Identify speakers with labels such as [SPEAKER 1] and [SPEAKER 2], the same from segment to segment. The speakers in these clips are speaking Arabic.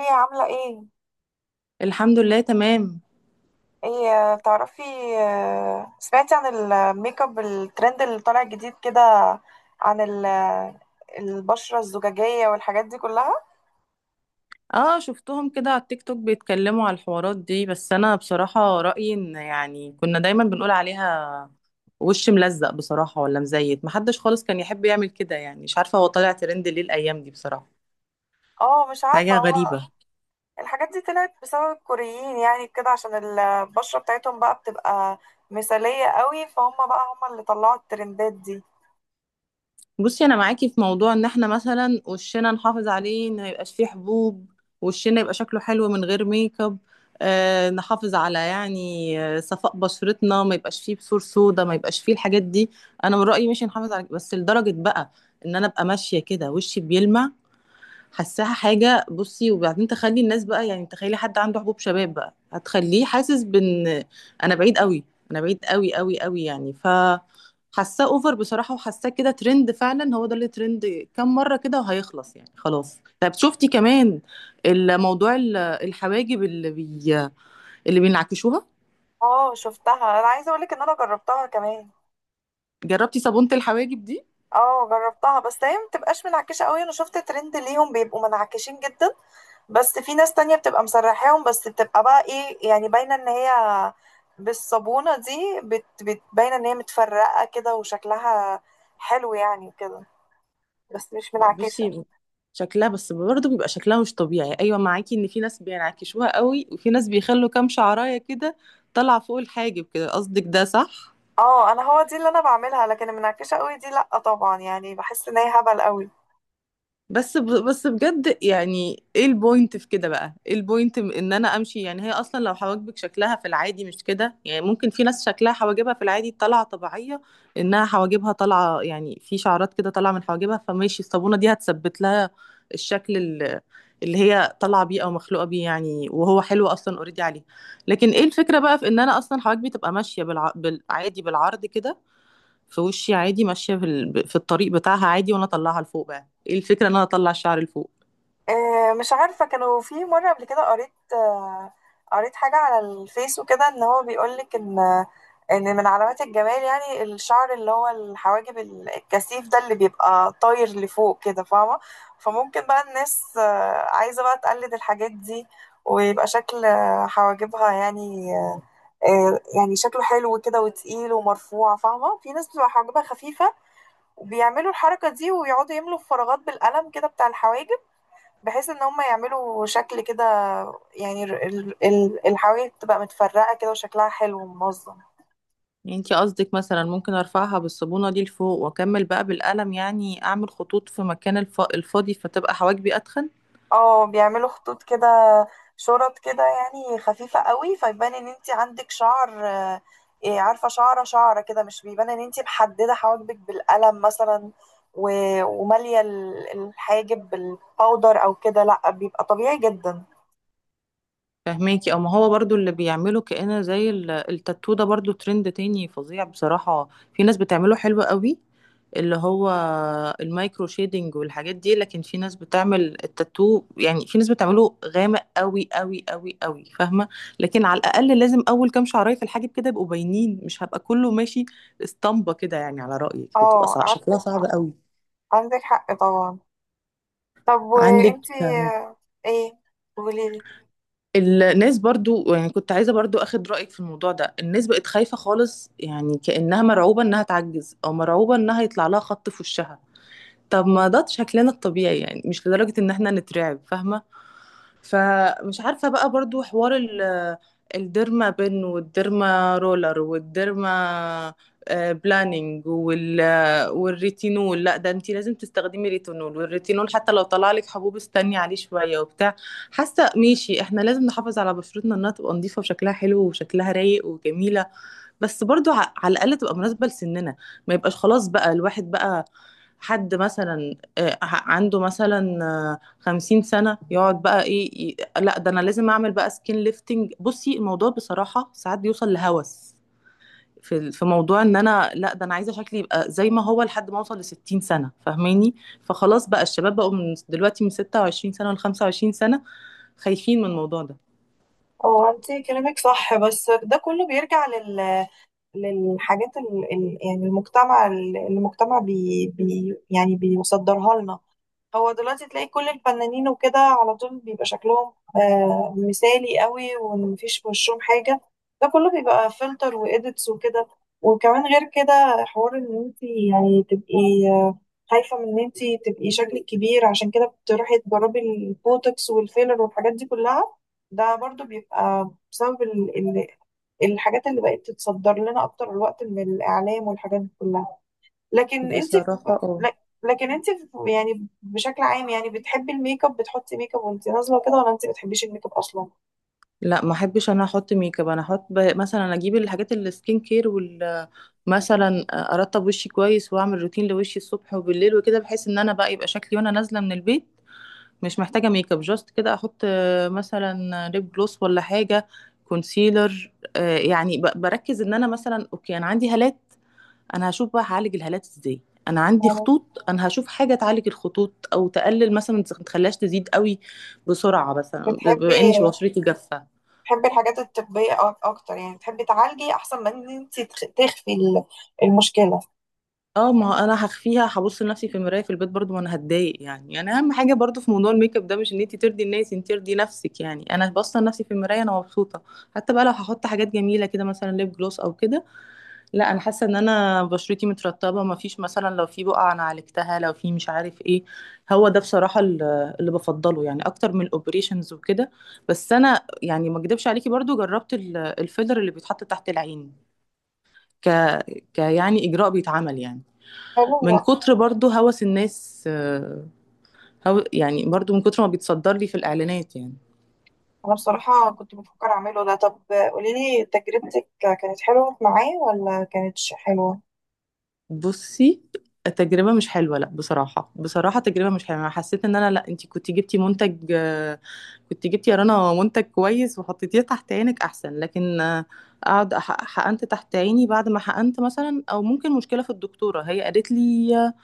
[SPEAKER 1] ايه عاملة ايه؟
[SPEAKER 2] الحمد لله تمام.
[SPEAKER 1] ايه، تعرفي، سمعتي عن الميك اب الترند اللي طالع جديد كده، عن ال- البشرة الزجاجية والحاجات دي كلها؟
[SPEAKER 2] اه شفتهم كده على التيك توك بيتكلموا على الحوارات دي، بس انا بصراحة رأيي ان يعني كنا دايما بنقول عليها وش ملزق بصراحة ولا مزيت، محدش خالص كان يحب يعمل كده، يعني مش عارفة هو طالع ترند ليه الايام دي بصراحة،
[SPEAKER 1] اه، مش عارفة.
[SPEAKER 2] حاجة
[SPEAKER 1] هو
[SPEAKER 2] غريبة.
[SPEAKER 1] الحاجات دي طلعت بسبب الكوريين يعني كده، عشان البشرة بتاعتهم بقى بتبقى مثالية قوي، فهم بقى هم اللي طلعوا الترندات دي.
[SPEAKER 2] بصي انا معاكي في موضوع ان احنا مثلا وشنا نحافظ عليه ان ما يبقاش فيه حبوب، وشنا يبقى شكله حلو من غير ميك اب، آه نحافظ على يعني صفاء بشرتنا، ما يبقاش فيه بثور سودا، ما يبقاش فيه الحاجات دي. انا من رأيي مش نحافظ على بس لدرجة بقى ان انا ابقى ماشية كده وشي بيلمع، حاساها حاجة. بصي وبعدين تخلي الناس بقى يعني تخيلي حد عنده حبوب شباب بقى هتخليه حاسس بان انا بعيد قوي انا بعيد قوي قوي قوي، يعني ف حاساه اوفر بصراحة، وحاساه كده ترند فعلا، هو ده اللي ترند كام مرة كده وهيخلص يعني خلاص. طب شفتي كمان الموضوع الحواجب اللي بينعكشوها،
[SPEAKER 1] اه شفتها. انا عايزة اقولك ان انا جربتها كمان.
[SPEAKER 2] جربتي صابونة الحواجب دي؟
[SPEAKER 1] اه جربتها، بس هي ما بتبقاش منعكشه قوي. انا شفت ترند ليهم بيبقوا منعكشين جدا، بس في ناس تانية بتبقى مسرحاهم بس، بتبقى بقى ايه يعني، باينه ان هي بالصابونه دي بت بت باينه ان هي متفرقه كده وشكلها حلو يعني كده، بس مش منعكشه.
[SPEAKER 2] بصي شكلها بس برضه بيبقى شكلها مش طبيعي، ايوه معاكي ان في ناس بينعكشوها قوي وفي ناس بيخلوا كام شعرايه كده طالعه فوق الحاجب كده، قصدك ده صح؟
[SPEAKER 1] اه، انا هو دي اللي انا بعملها، لكن المنعكشه قوي دي لا طبعا، يعني بحس ان هي هبل قوي.
[SPEAKER 2] بس بجد يعني ايه البوينت في كده، بقى ايه البوينت ان انا امشي يعني، هي اصلا لو حواجبك شكلها في العادي مش كده، يعني ممكن في ناس شكلها حواجبها في العادي طالعه طبيعيه انها حواجبها طالعه، يعني في شعرات كده طالعه من حواجبها، فماشي الصابونه دي هتثبت لها الشكل اللي هي طالعه بيه او مخلوقه بيه يعني، وهو حلو اصلا اوريدي عليه. لكن ايه الفكره بقى في ان انا اصلا حواجبي تبقى ماشيه بالعادي بالعرض كده في وشي عادي، ماشيه في في الطريق بتاعها عادي، وانا اطلعها لفوق، بقى ايه الفكره ان انا اطلع الشعر لفوق؟
[SPEAKER 1] مش عارفة، كانوا في مرة قبل كده قريت، قريت حاجة على الفيس وكده، ان هو بيقولك ان من علامات الجمال يعني الشعر اللي هو الحواجب الكثيف ده اللي بيبقى طاير لفوق كده، فاهمة؟ فممكن بقى الناس عايزة بقى تقلد الحاجات دي، ويبقى شكل حواجبها يعني، يعني شكله حلو كده وتقيل ومرفوع، فاهمة؟ في ناس بتبقى حواجبها خفيفة، وبيعملوا الحركة دي، ويقعدوا يملوا الفراغات بالقلم كده بتاع الحواجب، بحيث ان هم يعملوا شكل كده يعني الحواجز بتبقى متفرقة كده وشكلها حلو ومنظم.
[SPEAKER 2] يعني انتي قصدك مثلا ممكن ارفعها بالصابونه دي لفوق واكمل بقى بالقلم، يعني اعمل خطوط في مكان الفاضي فتبقى حواجبي اتخن؟
[SPEAKER 1] اه بيعملوا خطوط كده شرط كده، يعني خفيفة قوي فيبان ان انت عندك شعر، إيه، عارفة، شعرة شعرة كده، مش بيبان ان انت محددة حواجبك بالقلم مثلا، ومالية الحاجب بالباودر او كده، لا بيبقى طبيعي جدا.
[SPEAKER 2] فهماكي؟ او ما هو برضو اللي بيعمله كأنه زي التاتو ده، برضو ترند تاني فظيع بصراحه، في ناس بتعمله حلو قوي، اللي هو المايكرو شيدنج والحاجات دي، لكن في ناس بتعمل التاتو يعني، في ناس بتعمله غامق قوي قوي قوي قوي، فاهمه؟ لكن على الاقل لازم اول كام شعرايه في الحاجب كده يبقوا باينين، مش هبقى كله ماشي اسطمبه كده، يعني على رايك بتبقى
[SPEAKER 1] اه عندك
[SPEAKER 2] شكلها صعب
[SPEAKER 1] حق.
[SPEAKER 2] قوي.
[SPEAKER 1] عندك حق طبعا. طب
[SPEAKER 2] عندك
[SPEAKER 1] وانتي؟ آه، ايه، قولي.
[SPEAKER 2] الناس برضو يعني كنت عايزه برضو اخد رايك في الموضوع ده، الناس بقت خايفه خالص، يعني كانها مرعوبه انها تعجز او مرعوبه انها يطلع لها خط في وشها، طب ما ده شكلنا الطبيعي يعني، مش لدرجه ان احنا نترعب، فاهمه؟ فمش عارفة بقى برضو حوار الديرما بن والديرما رولر والديرما بلانينج وال آه، والريتينول، لا ده انتي لازم تستخدمي ريتينول، والريتينول حتى لو طلع لك حبوب استني عليه شوية وبتاع، حاسة ماشي احنا لازم نحافظ على بشرتنا انها تبقى نظيفة وشكلها حلو وشكلها رايق وجميلة، بس برضو على الاقل تبقى مناسبه لسننا، ما يبقاش خلاص بقى الواحد بقى حد مثلا عنده مثلا 50 سنة يقعد بقى ايه لا ده انا لازم اعمل بقى سكين ليفتنج. بصي الموضوع بصراحة ساعات بيوصل لهوس في في موضوع ان انا لا ده انا عايزة شكلي يبقى زي ما هو لحد ما اوصل لستين سنة، فاهماني؟ فخلاص بقى الشباب بقوا من دلوقتي من 26 سنة لخمسة وعشرين سنة خايفين من الموضوع ده
[SPEAKER 1] اه انت كلامك صح، بس ده كله بيرجع للحاجات يعني المجتمع، اللي المجتمع يعني بيصدرها لنا. هو دلوقتي تلاقي كل الفنانين وكده على طول بيبقى شكلهم مثالي قوي، ومفيش في وشهم حاجة. ده كله بيبقى فلتر وإيديتس وكده. وكمان غير كده، حوار إن أنت يعني تبقي، آه، خايفة من إن أنت تبقي شكلك كبير، عشان كده بتروحي تجربي البوتوكس والفيلر والحاجات دي كلها. ده برضو بيبقى بسبب ال ال الحاجات اللي بقت تتصدر لنا أكتر الوقت من الإعلام والحاجات دي كلها. لكن انت في...
[SPEAKER 2] بصراحة. اه
[SPEAKER 1] لك- لكن انت في... يعني بشكل عام، يعني بتحبي الميك اب؟ بتحطي ميك اب وانت نازله وكده، ولا انت بتحبيش الميك اب اصلا؟
[SPEAKER 2] لا ما احبش انا احط ميك اب، انا احط مثلا اجيب الحاجات السكين كير وال مثلا ارطب وشي كويس واعمل روتين لوشي الصبح وبالليل وكده، بحيث ان انا بقى يبقى شكلي وانا نازله من البيت مش محتاجه ميك اب، جاست كده احط مثلا ليب جلوس ولا حاجه، كونسيلر، يعني بركز ان انا مثلا اوكي انا عندي هالات، انا هشوف بقى هعالج الهالات ازاي، انا عندي
[SPEAKER 1] يعني
[SPEAKER 2] خطوط انا هشوف حاجه تعالج الخطوط او تقلل مثلا ما تخليهاش تزيد قوي بسرعه، مثلا
[SPEAKER 1] بتحبي
[SPEAKER 2] بما اني بشرتي جافه.
[SPEAKER 1] بتحبي الحاجات الطبيه اكتر، يعني بتحبي تعالجي احسن من ان انت تخفي المشكله؟
[SPEAKER 2] اه ما هو انا هخفيها هبص لنفسي في المرايه في البيت برضو، ما انا هتضايق يعني، يعني اهم حاجه برضو في موضوع الميك اب ده مش ان انت ترضي الناس، انت ترضي نفسك، يعني انا باصه لنفسي في المرايه انا مبسوطه، حتى بقى لو هحط حاجات جميله كده مثلا ليب جلوس او كده، لا انا حاسه ان انا بشرتي مترطبه ما فيش مثلا، لو في بقع انا عالجتها، لو في مش عارف ايه، هو ده بصراحه اللي بفضله يعني اكتر من الاوبريشنز وكده. بس انا يعني ما اكدبش عليكي، برضو جربت الفيلر اللي بيتحط تحت العين، ك... ك يعني اجراء بيتعمل يعني
[SPEAKER 1] حلو.
[SPEAKER 2] من كتر برضو هوس الناس، هو يعني برضو من كتر ما بيتصدر لي في الإعلانات يعني.
[SPEAKER 1] انا بصراحه كنت بفكر اعمله ده. طب قولي لي، تجربتك كانت حلوه معايا ولا كانتش حلوه؟
[SPEAKER 2] بصي التجربة مش حلوة، لا بصراحة بصراحة تجربة مش حلوة، أنا حسيت إن أنا لا، أنت كنت جبتي منتج كنت جبتي يا رنا منتج كويس وحطيتيه تحت عينك أحسن، لكن أقعد حقنت تحت عيني، بعد ما حقنت مثلا أو ممكن مشكلة في الدكتورة، هي قالت لي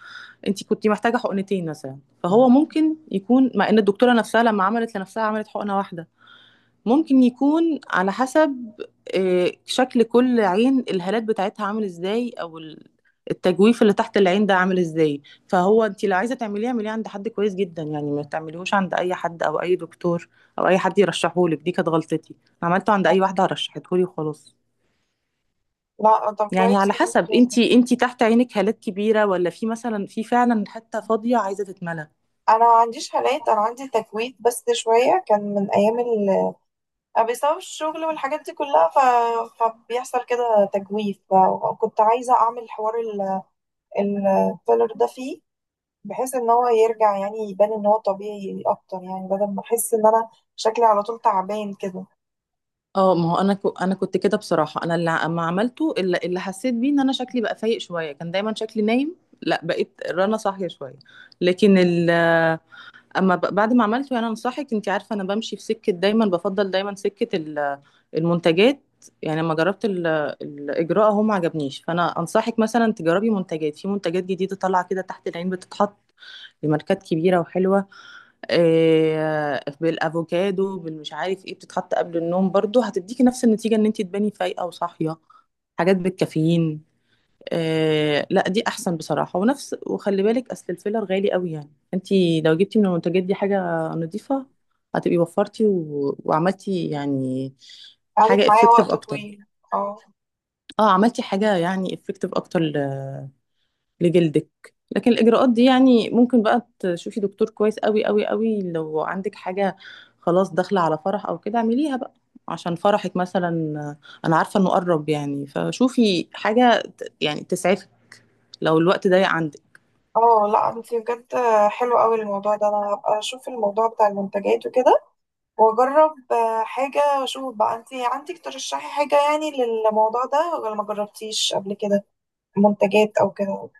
[SPEAKER 2] أنت كنت محتاجة حقنتين مثلا، فهو ممكن يكون مع إن الدكتورة نفسها لما عملت لنفسها عملت حقنة واحدة، ممكن يكون على حسب شكل كل عين الهالات بتاعتها عامل ازاي او التجويف اللي تحت العين ده عامل ازاي. فهو انت لو عايزه تعمليه، اعمليه عند حد كويس جدا، يعني ما تعمليهوش عند اي حد او اي دكتور او اي حد يرشحهولك، دي كانت غلطتي، عملته عند اي واحده رشحتهولي وخلاص.
[SPEAKER 1] لا طب
[SPEAKER 2] يعني
[SPEAKER 1] كويس.
[SPEAKER 2] على حسب انت، انت تحت عينك هالات كبيره ولا في مثلا في فعلا حته فاضيه عايزه تتملى.
[SPEAKER 1] انا ما عنديش هالات، انا عندي تكويت بس شويه، كان من ايام بسبب الشغل والحاجات دي كلها، فبيحصل كده تجويف، وكنت عايزة أعمل حوار الفيلر ده فيه، بحيث إن هو يرجع يعني يبان إن هو طبيعي أكتر، يعني بدل ما أحس إن أنا شكلي على طول تعبان كده.
[SPEAKER 2] اه ما هو انا كنت كده بصراحه، انا اللي ما عملته اللي حسيت بيه ان انا شكلي بقى فايق شويه، كان دايما شكلي نايم، لا بقيت رنا صاحيه شويه، لكن ال اما بعد ما عملته يعني انا صاحيه، انت عارفه انا بمشي في سكه دايما، بفضل دايما سكه المنتجات، يعني لما جربت الاجراء هو ما عجبنيش، فانا انصحك مثلا تجربي منتجات، في منتجات جديده طالعه كده تحت العين بتتحط لماركات كبيره وحلوه، بالافوكادو بالمش عارف ايه بتتحط قبل النوم، برضو هتديكي نفس النتيجه ان انت تباني فايقه وصاحيه، حاجات بالكافيين. آه لا دي احسن بصراحه ونفس، وخلي بالك اصل الفيلر غالي قوي، يعني انت لو جبتي من المنتجات دي حاجه نظيفه هتبقي وفرتي وعملتي يعني
[SPEAKER 1] قعدت
[SPEAKER 2] حاجه
[SPEAKER 1] معايا
[SPEAKER 2] افكتيف
[SPEAKER 1] وقت
[SPEAKER 2] اكتر،
[SPEAKER 1] طويل. اه.
[SPEAKER 2] اه عملتي حاجه يعني افكتيف اكتر لجلدك. لكن الإجراءات دي يعني ممكن بقى تشوفي دكتور كويس قوي قوي قوي، لو عندك حاجة خلاص داخلة على فرح أو كده اعمليها بقى عشان فرحك مثلا، أنا عارفة إنه قرب، يعني فشوفي حاجة يعني تسعفك لو الوقت ضيق عندك.
[SPEAKER 1] اه لا انتي بجد حلو قوي الموضوع ده. انا هبقى اشوف الموضوع بتاع المنتجات وكده، واجرب حاجة واشوف. بقى انتي عندك ترشحي حاجة يعني للموضوع ده، ولا ما جربتيش قبل كده منتجات او كده؟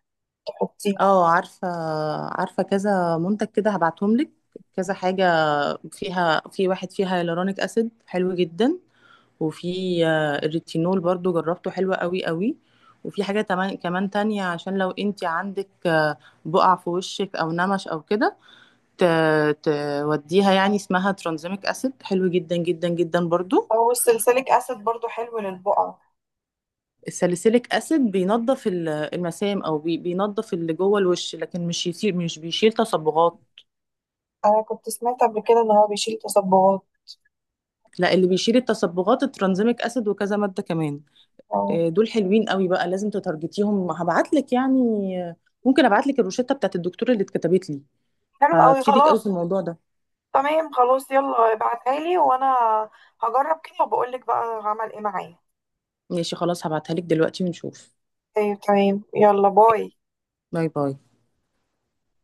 [SPEAKER 1] حطيها.
[SPEAKER 2] اه عارفة، عارفة كذا منتج كده هبعتهم لك، كذا حاجة فيها، في واحد فيها هيالورونيك أسيد حلو جدا، وفي الريتينول برضو جربته حلو قوي قوي، وفي حاجة كمان تانية عشان لو انت عندك بقع في وشك او نمش او كده، توديها يعني، اسمها ترانزيميك اسيد حلو جدا جدا جدا برضو.
[SPEAKER 1] او السلسليك اسيد برضو حلو للبقعه.
[SPEAKER 2] الساليسيليك اسيد بينظف المسام او بينظف اللي جوه الوش، لكن مش يصير مش بيشيل تصبغات،
[SPEAKER 1] انا كنت سمعت قبل كده ان هو بيشيل تصبغات.
[SPEAKER 2] لا اللي بيشيل التصبغات الترانزيميك اسيد وكذا مادة كمان،
[SPEAKER 1] أو.
[SPEAKER 2] دول حلوين قوي بقى لازم تتارجتيهم، هبعت لك يعني آه، ممكن ابعت لك الروشته بتاعت الدكتور اللي اتكتبت لي،
[SPEAKER 1] حلو قوي
[SPEAKER 2] هتفيدك قوي
[SPEAKER 1] خلاص.
[SPEAKER 2] في الموضوع ده.
[SPEAKER 1] تمام خلاص، يلا ابعتها لي، وانا هجرب كده وبقول لك بقى عمل ايه معايا.
[SPEAKER 2] ماشي خلاص هبعتها لك دلوقتي ونشوف.
[SPEAKER 1] طيب تمام، يلا باي.
[SPEAKER 2] باي باي.